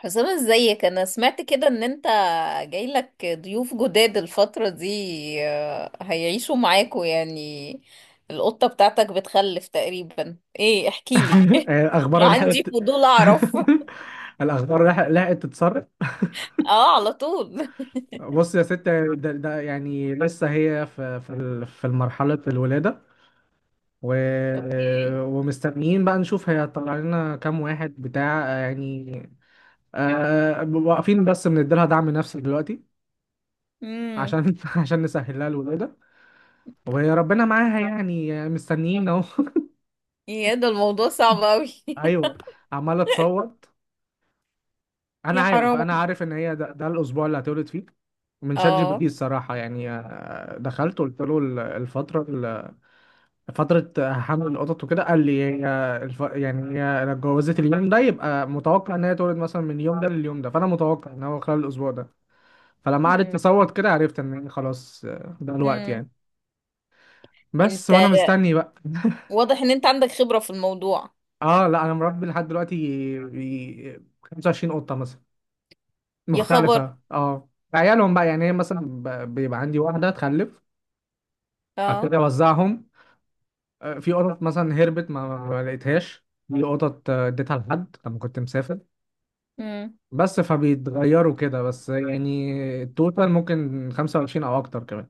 حسام ازيك؟ انا سمعت كده ان انت جايلك ضيوف جداد الفترة دي. هيعيشوا معاكوا يعني؟ القطة بتاعتك بتخلف تقريبا ايه؟ احكيلي. الاخبار لحقت عندي فضول اعرف. الاخبار لحق- لحقت تتسرب. اه، على طول. بص يا ست، ده يعني لسه هي في مرحله الولاده و... اوكي. ومستنيين بقى نشوف هيطلع لنا كام واحد بتاع يعني. واقفين بس بنديلها دعم نفسي دلوقتي امم عشان عشان نسهل لها الولاده، وربنا معاها يعني مستنيين اهو. يا ده الموضوع صعب قوي. ايوه، عماله تصور. انا يا عارف حرام. انا عارف ان هي ده الاسبوع اللي هتولد فيه. من شات جي بي اه. تي الصراحه يعني، دخلت قلت له فتره حمل القطط وكده، قال لي هي يعني هي لو اتجوزت اليوم ده يبقى متوقع ان هي تولد مثلا من اليوم ده لليوم ده، فانا متوقع ان هو خلال الاسبوع ده. فلما قعدت امم تصوت كده عرفت ان هي خلاص، ده الوقت يعني. امم بس انت وانا مستني بقى. واضح ان انت عندك خبرة في الموضوع. اه لا، انا مربي لحد دلوقتي 25 قطه مثلا يا خبر. مختلفة. اه عيالهم بقى يعني هي مثلا بيبقى عندي واحدة تخلف اه. ابتدي اوزعهم. في قطط مثلا هربت ما لقيتهاش، في قطط اديتها لحد لما كنت مسافر، بس فبيتغيروا كده. بس يعني التوتال ممكن 25 او اكتر كمان.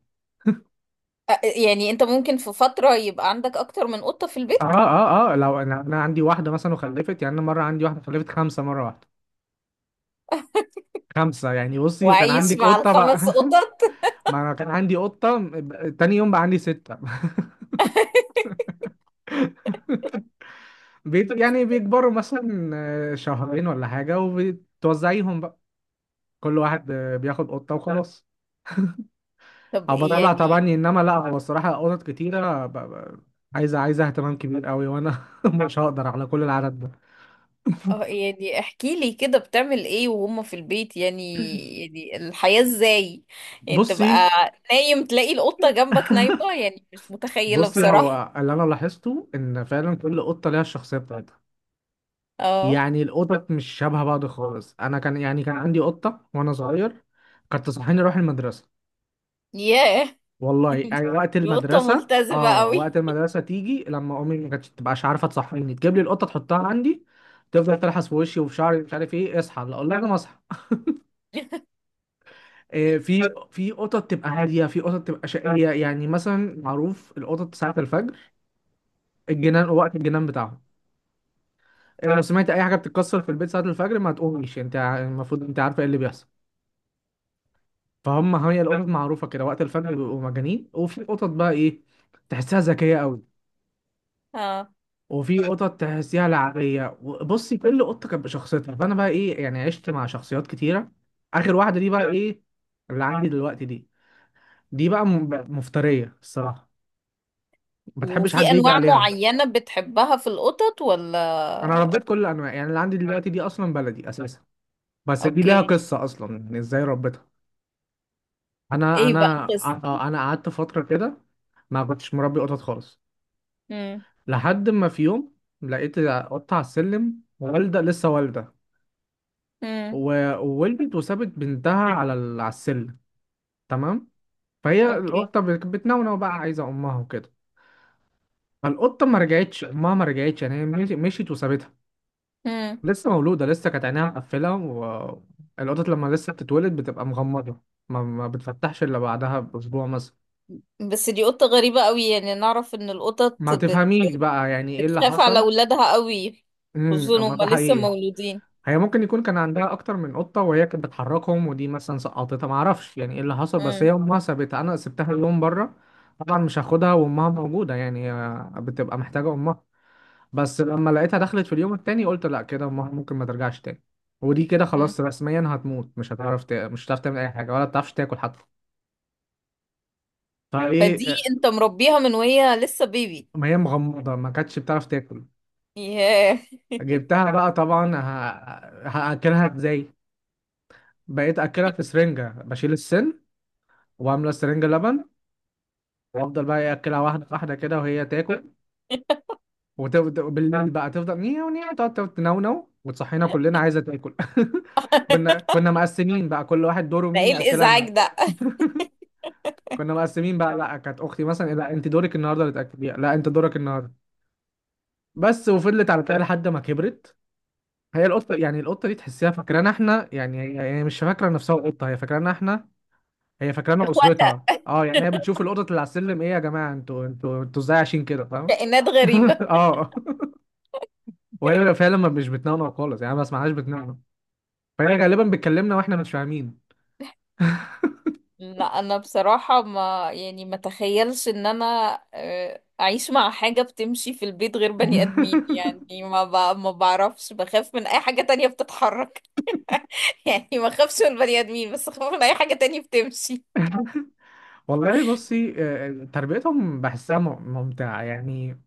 يعني انت ممكن في فترة يبقى عندك اكتر من قطة في اه البيت؟ اه اه لو انا عندي واحدة مثلا وخلفت، يعني انا مرة عندي واحدة خلفت خمسة مرة واحدة. خمسة يعني، بصي وكان وعايش عندك مع قطة بقى. الخمس قطط؟ ما انا كان عندي قطة، تاني يوم بقى عندي ستة. بيت يعني بيكبروا مثلا شهرين ولا حاجة وبتوزعيهم بقى. كل واحد بياخد قطة وخلاص. طب أو إيه بطلع طبعا، يعني؟ إنما لا هو الصراحة قطط كتيرة عايزة اهتمام كبير قوي، وأنا مش هقدر على كل العدد ده. اه، يعني احكي لي كده بتعمل ايه وهم في البيت يعني؟ يعني الحياة ازاي؟ يعني بصي تبقى نايم تلاقي القطة جنبك نايمة؟ يعني مش متخيلة بصي بصراحة. هو اللي أنا لاحظته إن فعلا كل قطة ليها الشخصية بتاعتها. اه. يعني القطط مش شبه بعض خالص. أنا كان يعني كان عندي قطة وأنا صغير، كانت تصحيني أروح المدرسة. ياه. والله يعني وقت دي قطة المدرسة، ملتزمة اه قوي. وقت المدرسة تيجي لما امي ما كانتش تبقاش عارفة تصحيني تجيب لي القطة تحطها عندي، تفضل تلحس في وشي وفي شعري مش عارف ايه، اصحى لا اقول لها انا مصحى. آه في في قطط تبقى هادية، في قطط تبقى شقية. يعني مثلا معروف القطط ساعة الفجر الجنان، وقت الجنان بتاعهم. لو سمعت اي حاجة بتتكسر في البيت ساعة الفجر ما تقوميش، انت المفروض انت عارفة ايه اللي بيحصل. فهم هي القطط معروفة كده وقت الفجر بيبقوا مجانين. وفي قطط بقى ايه، تحسها ذكية قوي، اه. وفي قطط تحسيها لعبيه. بصي كل قطه كانت بشخصيتها، فانا بقى ايه يعني عشت مع شخصيات كتيره. اخر واحده دي بقى ايه، اللي عندي دلوقتي دي، دي بقى مفتريه الصراحه، ما تحبش وفي حد يجي انواع عليها. معينة بتحبها في القطط انا ولا؟ ربيت كل الانواع، يعني اللي عندي دلوقتي دي اصلا بلدي اساسا، بس دي ليها اوكي. قصه اصلا إن ازاي ربيتها. انا ايه بقى انا القصة؟ انا قعدت فتره كده ما كنتش مربي قطط خالص، امم لحد ما في يوم لقيت قطه على السلم والده، لسه والده. امم وولدت وسابت بنتها على على السلم، تمام؟ فهي اوكي. القطه بتنونو بقى عايزه امها وكده. فالقطه ما رجعتش، امها ما رجعتش، يعني هي مشيت وسابتها. لسه مولوده، لسه كانت عينيها مقفله، والقطط لما لسه بتتولد بتبقى مغمضه، ما بتفتحش الا بعدها باسبوع مثلا. بس دي قطة غريبة قوي، يعني نعرف ان ما تفهميش بقى يعني ايه اللي بتخاف على حصل. اولادها قوي، امم، خصوصا اما هما ده لسه حقيقي. مولودين. هي ممكن يكون كان عندها اكتر من قطه وهي كانت بتحركهم، ودي مثلا سقطتها، ما اعرفش يعني ايه اللي حصل، بس هي مم. امها سابتها. انا سبتها اليوم بره، طبعا مش هاخدها وامها موجوده، يعني هي بتبقى محتاجه امها. بس لما لقيتها دخلت في اليوم التاني، قلت لا كده ممكن ما ترجعش تاني، ودي كده مم. خلاص رسميا هتموت، مش هتعرف مش هتعرف تعمل اي حاجه، ولا بتعرفش تاكل حتى. فايه فدي آه، انت مربيها من وهي لسه بيبي؟ ما هي مغمضه ما كانتش بتعرف تاكل. ياه. جبتها بقى طبعا، هاكلها ازاي؟ بقيت اكلها في سرنجه بشيل السن وعامله سرنجه لبن، وافضل بقى إيه اكلها واحده واحده كده وهي تاكل. وبالليل بقى تفضل نيو نيو، تقعد تقعد تنونو وتصحينا كلنا عايزه تاكل. كنا مقسمين بقى كل واحد دوره ده مين ايه ياكلها الازعاج لنا. ده؟ كنا مقسمين بقى، لا كانت اختي مثلا إيه، لا انت دورك النهارده اللي تاكليها، لا انت دورك النهارده. بس، وفضلت على كده لحد ما كبرت. هي القطه يعني القطه دي تحسيها فاكرانا احنا، يعني هي هي مش فاكره نفسها قطه، هي فاكرانا احنا، هي فاكرانا اخواتها. اسرتها. اه يعني هي بتشوف القطط اللي على السلم، ايه يا جماعه انتوا انتوا انتوا ازاي عايشين كده، فاهم؟ كائنات غريبة. اه. وهي بيبقى فعلا مش بتنونو خالص، يعني ما بسمعهاش بتنونو، فهي غالبا بتكلمنا واحنا مش فاهمين. لا انا بصراحة ما تخيلش ان انا اعيش مع حاجة بتمشي في البيت غير بني ادمين، يعني ما بعرفش، بخاف من اي حاجة تانية بتتحرك. يعني ما اخافش من البني ادمين، بس اخاف من اي حاجة تانية بتمشي. والله بصي، تربيتهم بحسها ممتعة يعني.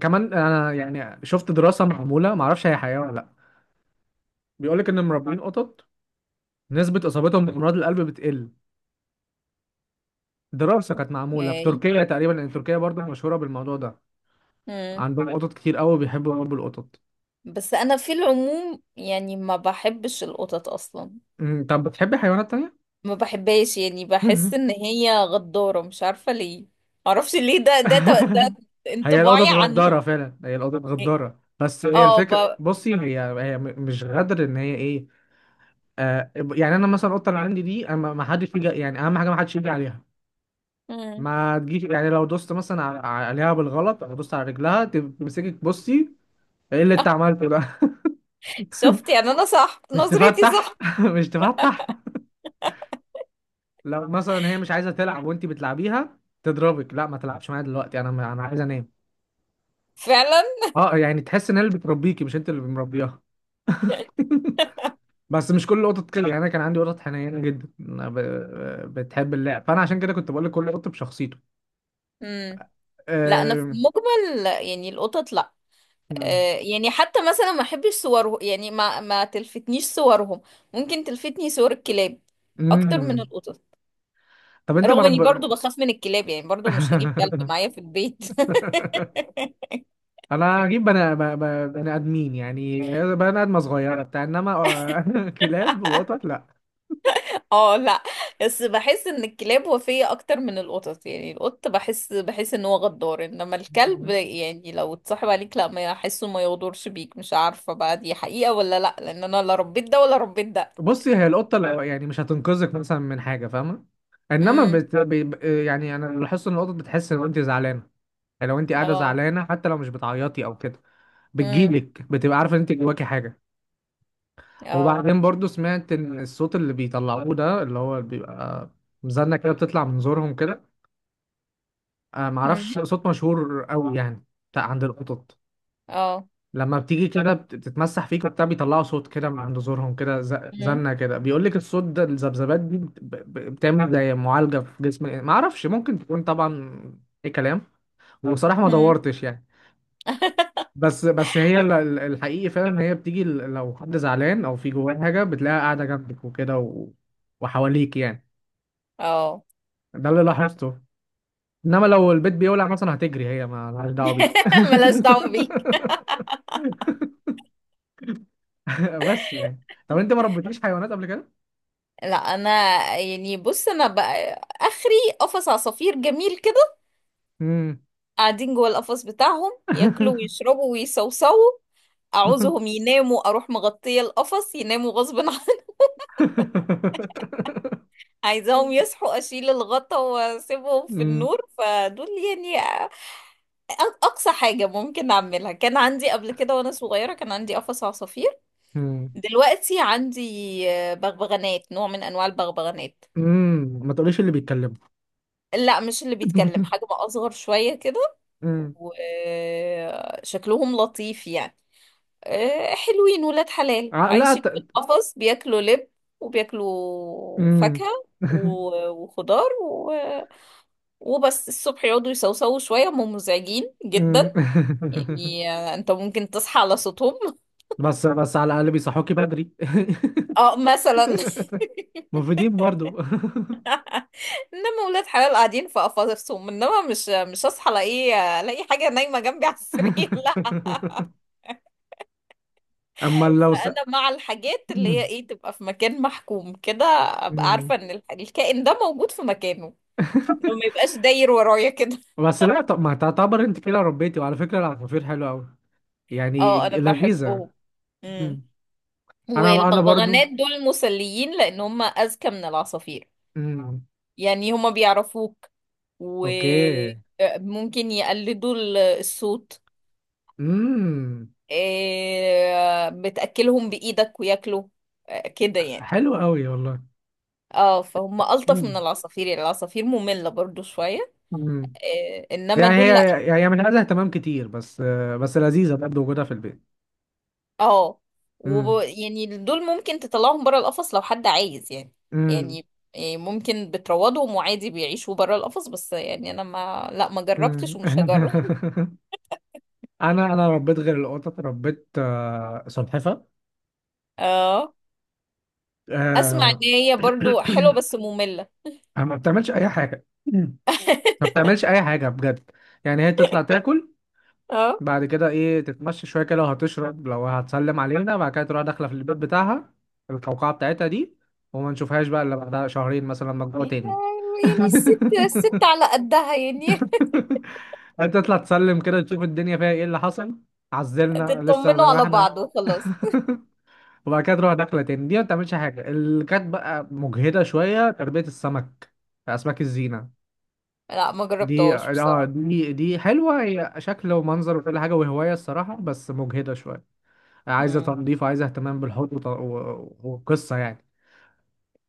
كمان انا يعني شفت دراسة معمولة ما اعرفش هي حقيقة ولا لا، بيقول لك ان مربين قطط نسبة اصابتهم بامراض القلب بتقل. دراسة كانت معمولة في اوكي. تركيا تقريبا، لان تركيا برضه مشهورة بالموضوع ده، امم. عندهم قطط كتير قوي بيحبوا يربوا القطط. بس انا في العموم يعني ما بحبش القطط اصلا. أمم، طب بتحبي حيوانات تانية؟ ما بحبهاش، يعني بحس ان هي غدارة، مش عارفة ليه. معرفش ليه، ده هي الأوضة انطباعي عنهم. اتغدارة فعلا، هي الأوضة اتغدارة، بس هي اه الفكرة ب... بصي هي هي مش غدر، إن هي إيه، آه يعني أنا مثلا القطة اللي عندي دي أنا، ما حدش يجي يعني، أهم حاجة ما حدش يجي عليها. مم. ما تجيش يعني لو دوست مثلا عليها بالغلط أو دوست على رجلها تمسكك بصي، إيه اللي أنت عملته ده. شفت؟ يعني انا صح، مش نظرتي تفتح، صح. مش تفتح. لو مثلا هي مش عايزة تلعب وأنت بتلعبيها تضربك، لا ما تلعبش معايا دلوقتي أنا عايز أنام. فعلا. أه يعني تحس إن هي اللي بتربيكي مش أنت اللي مربيها. بس مش كل القطط كده، يعني انا كان عندي قطط حنينه جدا أنا بتحب اللعب، فانا عشان كده كنت بقول لك كل قط بشخصيته. امم. لا انا في أم... المجمل يعني القطط لا. آه، يعني حتى مثلا ما احبش صورهم، يعني ما تلفتنيش صورهم. ممكن تلفتني صور الكلاب اكتر من أم... القطط. طب انت رغم اني مرب. برضو بخاف من الكلاب، يعني برضو مش هجيب كلب معايا في البيت. انا هجيب بني بني ادمين يعني، بني ادمه صغيره بتاع، انما كلاب وقطط لا. اه، لا. بس بحس ان الكلاب وفية اكتر من القطط. يعني القط بحس ان هو غدار، انما الكلب يعني لو اتصاحب عليك لا ما احسه، ما يغدرش بيك. مش عارفة بقى دي حقيقة ولا لا، لان انا لا ربيت ده ولا ربيت ده. بصي هي القطه يعني مش هتنقذك مثلا من حاجه، فاهمه؟ انما امم. يعني انا لاحظت ان القطط بتحس لو انت زعلانه، يعني لو انت قاعده اه. زعلانه حتى لو مش بتعيطي او كده امم. بتجيلك، بتبقى عارفه ان انت جواكي حاجه. اه. وبعدين برضو سمعت ان الصوت اللي بيطلعوه ده اللي هو بيبقى مزنه كده، بتطلع من زورهم كده، امم. معرفش، صوت مشهور قوي يعني بتاع عند القطط اه. لما بتيجي كده بتتمسح فيك وبتاع بيطلعوا صوت كده من عند زورهم كده، امم. زنه كده، بيقول لك الصوت ده الذبذبات دي بتعمل زي معالجه في جسم. معرفش ممكن تكون طبعا اي كلام وبصراحه ما امم. دورتش يعني. بس هي الحقيقي فعلا إن هي بتيجي لو حد زعلان او في جواه حاجه بتلاقيها قاعده جنبك وكده وحواليك يعني، اه. ده اللي لاحظته. انما لو البيت بيولع مثلا هتجري هي، ما لهاش دعوه بيك. ملاش دعوة بيك. بس يعني طب انت ما ربيتيش حيوانات قبل كده؟ لا انا يعني بص، انا بقى اخري قفص عصافير جميل كده. امم قاعدين جوه القفص بتاعهم ياكلوا ويشربوا ويصوصوا. اعوزهم يناموا اروح مغطيه القفص يناموا غصب عني. عايزاهم يصحوا اشيل الغطا واسيبهم في امم النور. فدول يعني اقصى حاجه ممكن اعملها. كان عندي قبل كده وانا صغيره كان عندي قفص عصافير. امم دلوقتي عندي بغبغانات، نوع من انواع البغبغانات. أمم. ما تقوليش اللي بيتكلموا. لا مش اللي بيتكلم، حجم اصغر شويه كده. امم. وشكلهم لطيف يعني، حلوين، ولاد حلال آه، لا عايشين ت... في القفص، بياكلوا لب وبياكلوا فاكهة امم. وخضار وبس الصبح يقعدوا يسوسوا شوية، هم مزعجين امم. جدا. يعني انت ممكن تصحى على صوتهم. بس بس على الاقل بيصحوكي بدري. اه مثلا. مفيدين برضو. انما ولاد حلال قاعدين في قفصهم، انما مش هصحى الاقي حاجة نايمة جنبي على السرير، لا. اما لو فانا مع الحاجات اللي هي ايه، تبقى في مكان محكوم كده. ابقى مم. عارفه ان الكائن ده موجود في مكانه. لو ما يبقاش داير ورايا كده. بس لا، طب ما تعتبر انت كده ربيتي، وعلى فكره العصافير حلوه قوي يعني، اه، انا لذيذه. بحبهم. امم. مم. انا برضو. والبغبغانات دول مسليين لان هم اذكى من العصافير. مم. يعني هم بيعرفوك، اوكي، وممكن يقلدوا الصوت. امم، آه، بتاكلهم بايدك وياكلوا، آه، كده يعني. حلو قوي والله. اه، فهم الطف من مم. العصافير. يعني العصافير ممله برضو شويه. مم. إيه، انما يعني دول هي هي هي من عايزه اهتمام كتير، بس بس لذيذه برضه وجودها في البيت. اه امم. يعني دول ممكن تطلعهم بره القفص لو حد عايز يعني. امم. يعني إيه، ممكن بتروضهم وعادي بيعيشوا بره القفص، بس يعني انا ما لا ما جربتش ومش هجرب. انا ربيت غير القطط ربيت سلحفه، اه، اسمع ان آه، هي برضو حلوه بس ممله. ما بتعملش اي حاجه، ما بتعملش اي حاجه بجد. يعني هي تطلع تاكل، اه، بعد كده ايه تتمشى شويه كده، لو هتشرب لو هتسلم علينا، بعد كده تروح داخله في البيت بتاعها، القوقعه بتاعتها دي، وما نشوفهاش بقى الا بعدها شهرين مثلا لما تجوع تاني. يعني الست على قدها يعني. انت تطلع تسلم كده تشوف الدنيا فيها ايه اللي حصل، عزلنا لسه تطمنوا زي ما على احنا. بعض وخلاص. وبعد كده تروح داخله تاني. دي ما بتعملش حاجه. اللي كانت بقى مجهده شويه تربيه السمك، اسماك الزينه، لا ما دي جربتهاش اه بصراحه. دي دي حلوه هي شكل ومنظر وكل حاجه وهوايه الصراحه، بس مجهده شويه، عايزه مم. تنظيف وعايزه اهتمام بالحوض وقصه يعني.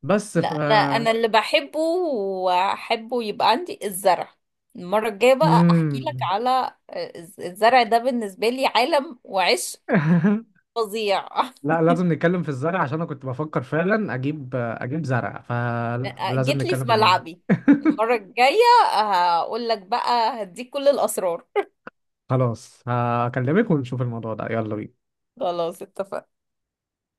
بس لا ف انا اللي بحبه واحبه يبقى عندي الزرع. المرة الجاية بقى احكي لك مم. على الزرع. ده بالنسبة لي عالم وعشق فظيع. لا لازم نتكلم في الزرع عشان انا كنت بفكر فعلا اجيب زرع، فلا لازم جيت لي نتكلم في في الموضوع. ملعبي. المرة الجاية هقول لك بقى، هديك كل الأسرار. خلاص هكلمك ونشوف الموضوع ده، يلا بينا. خلاص اتفقنا.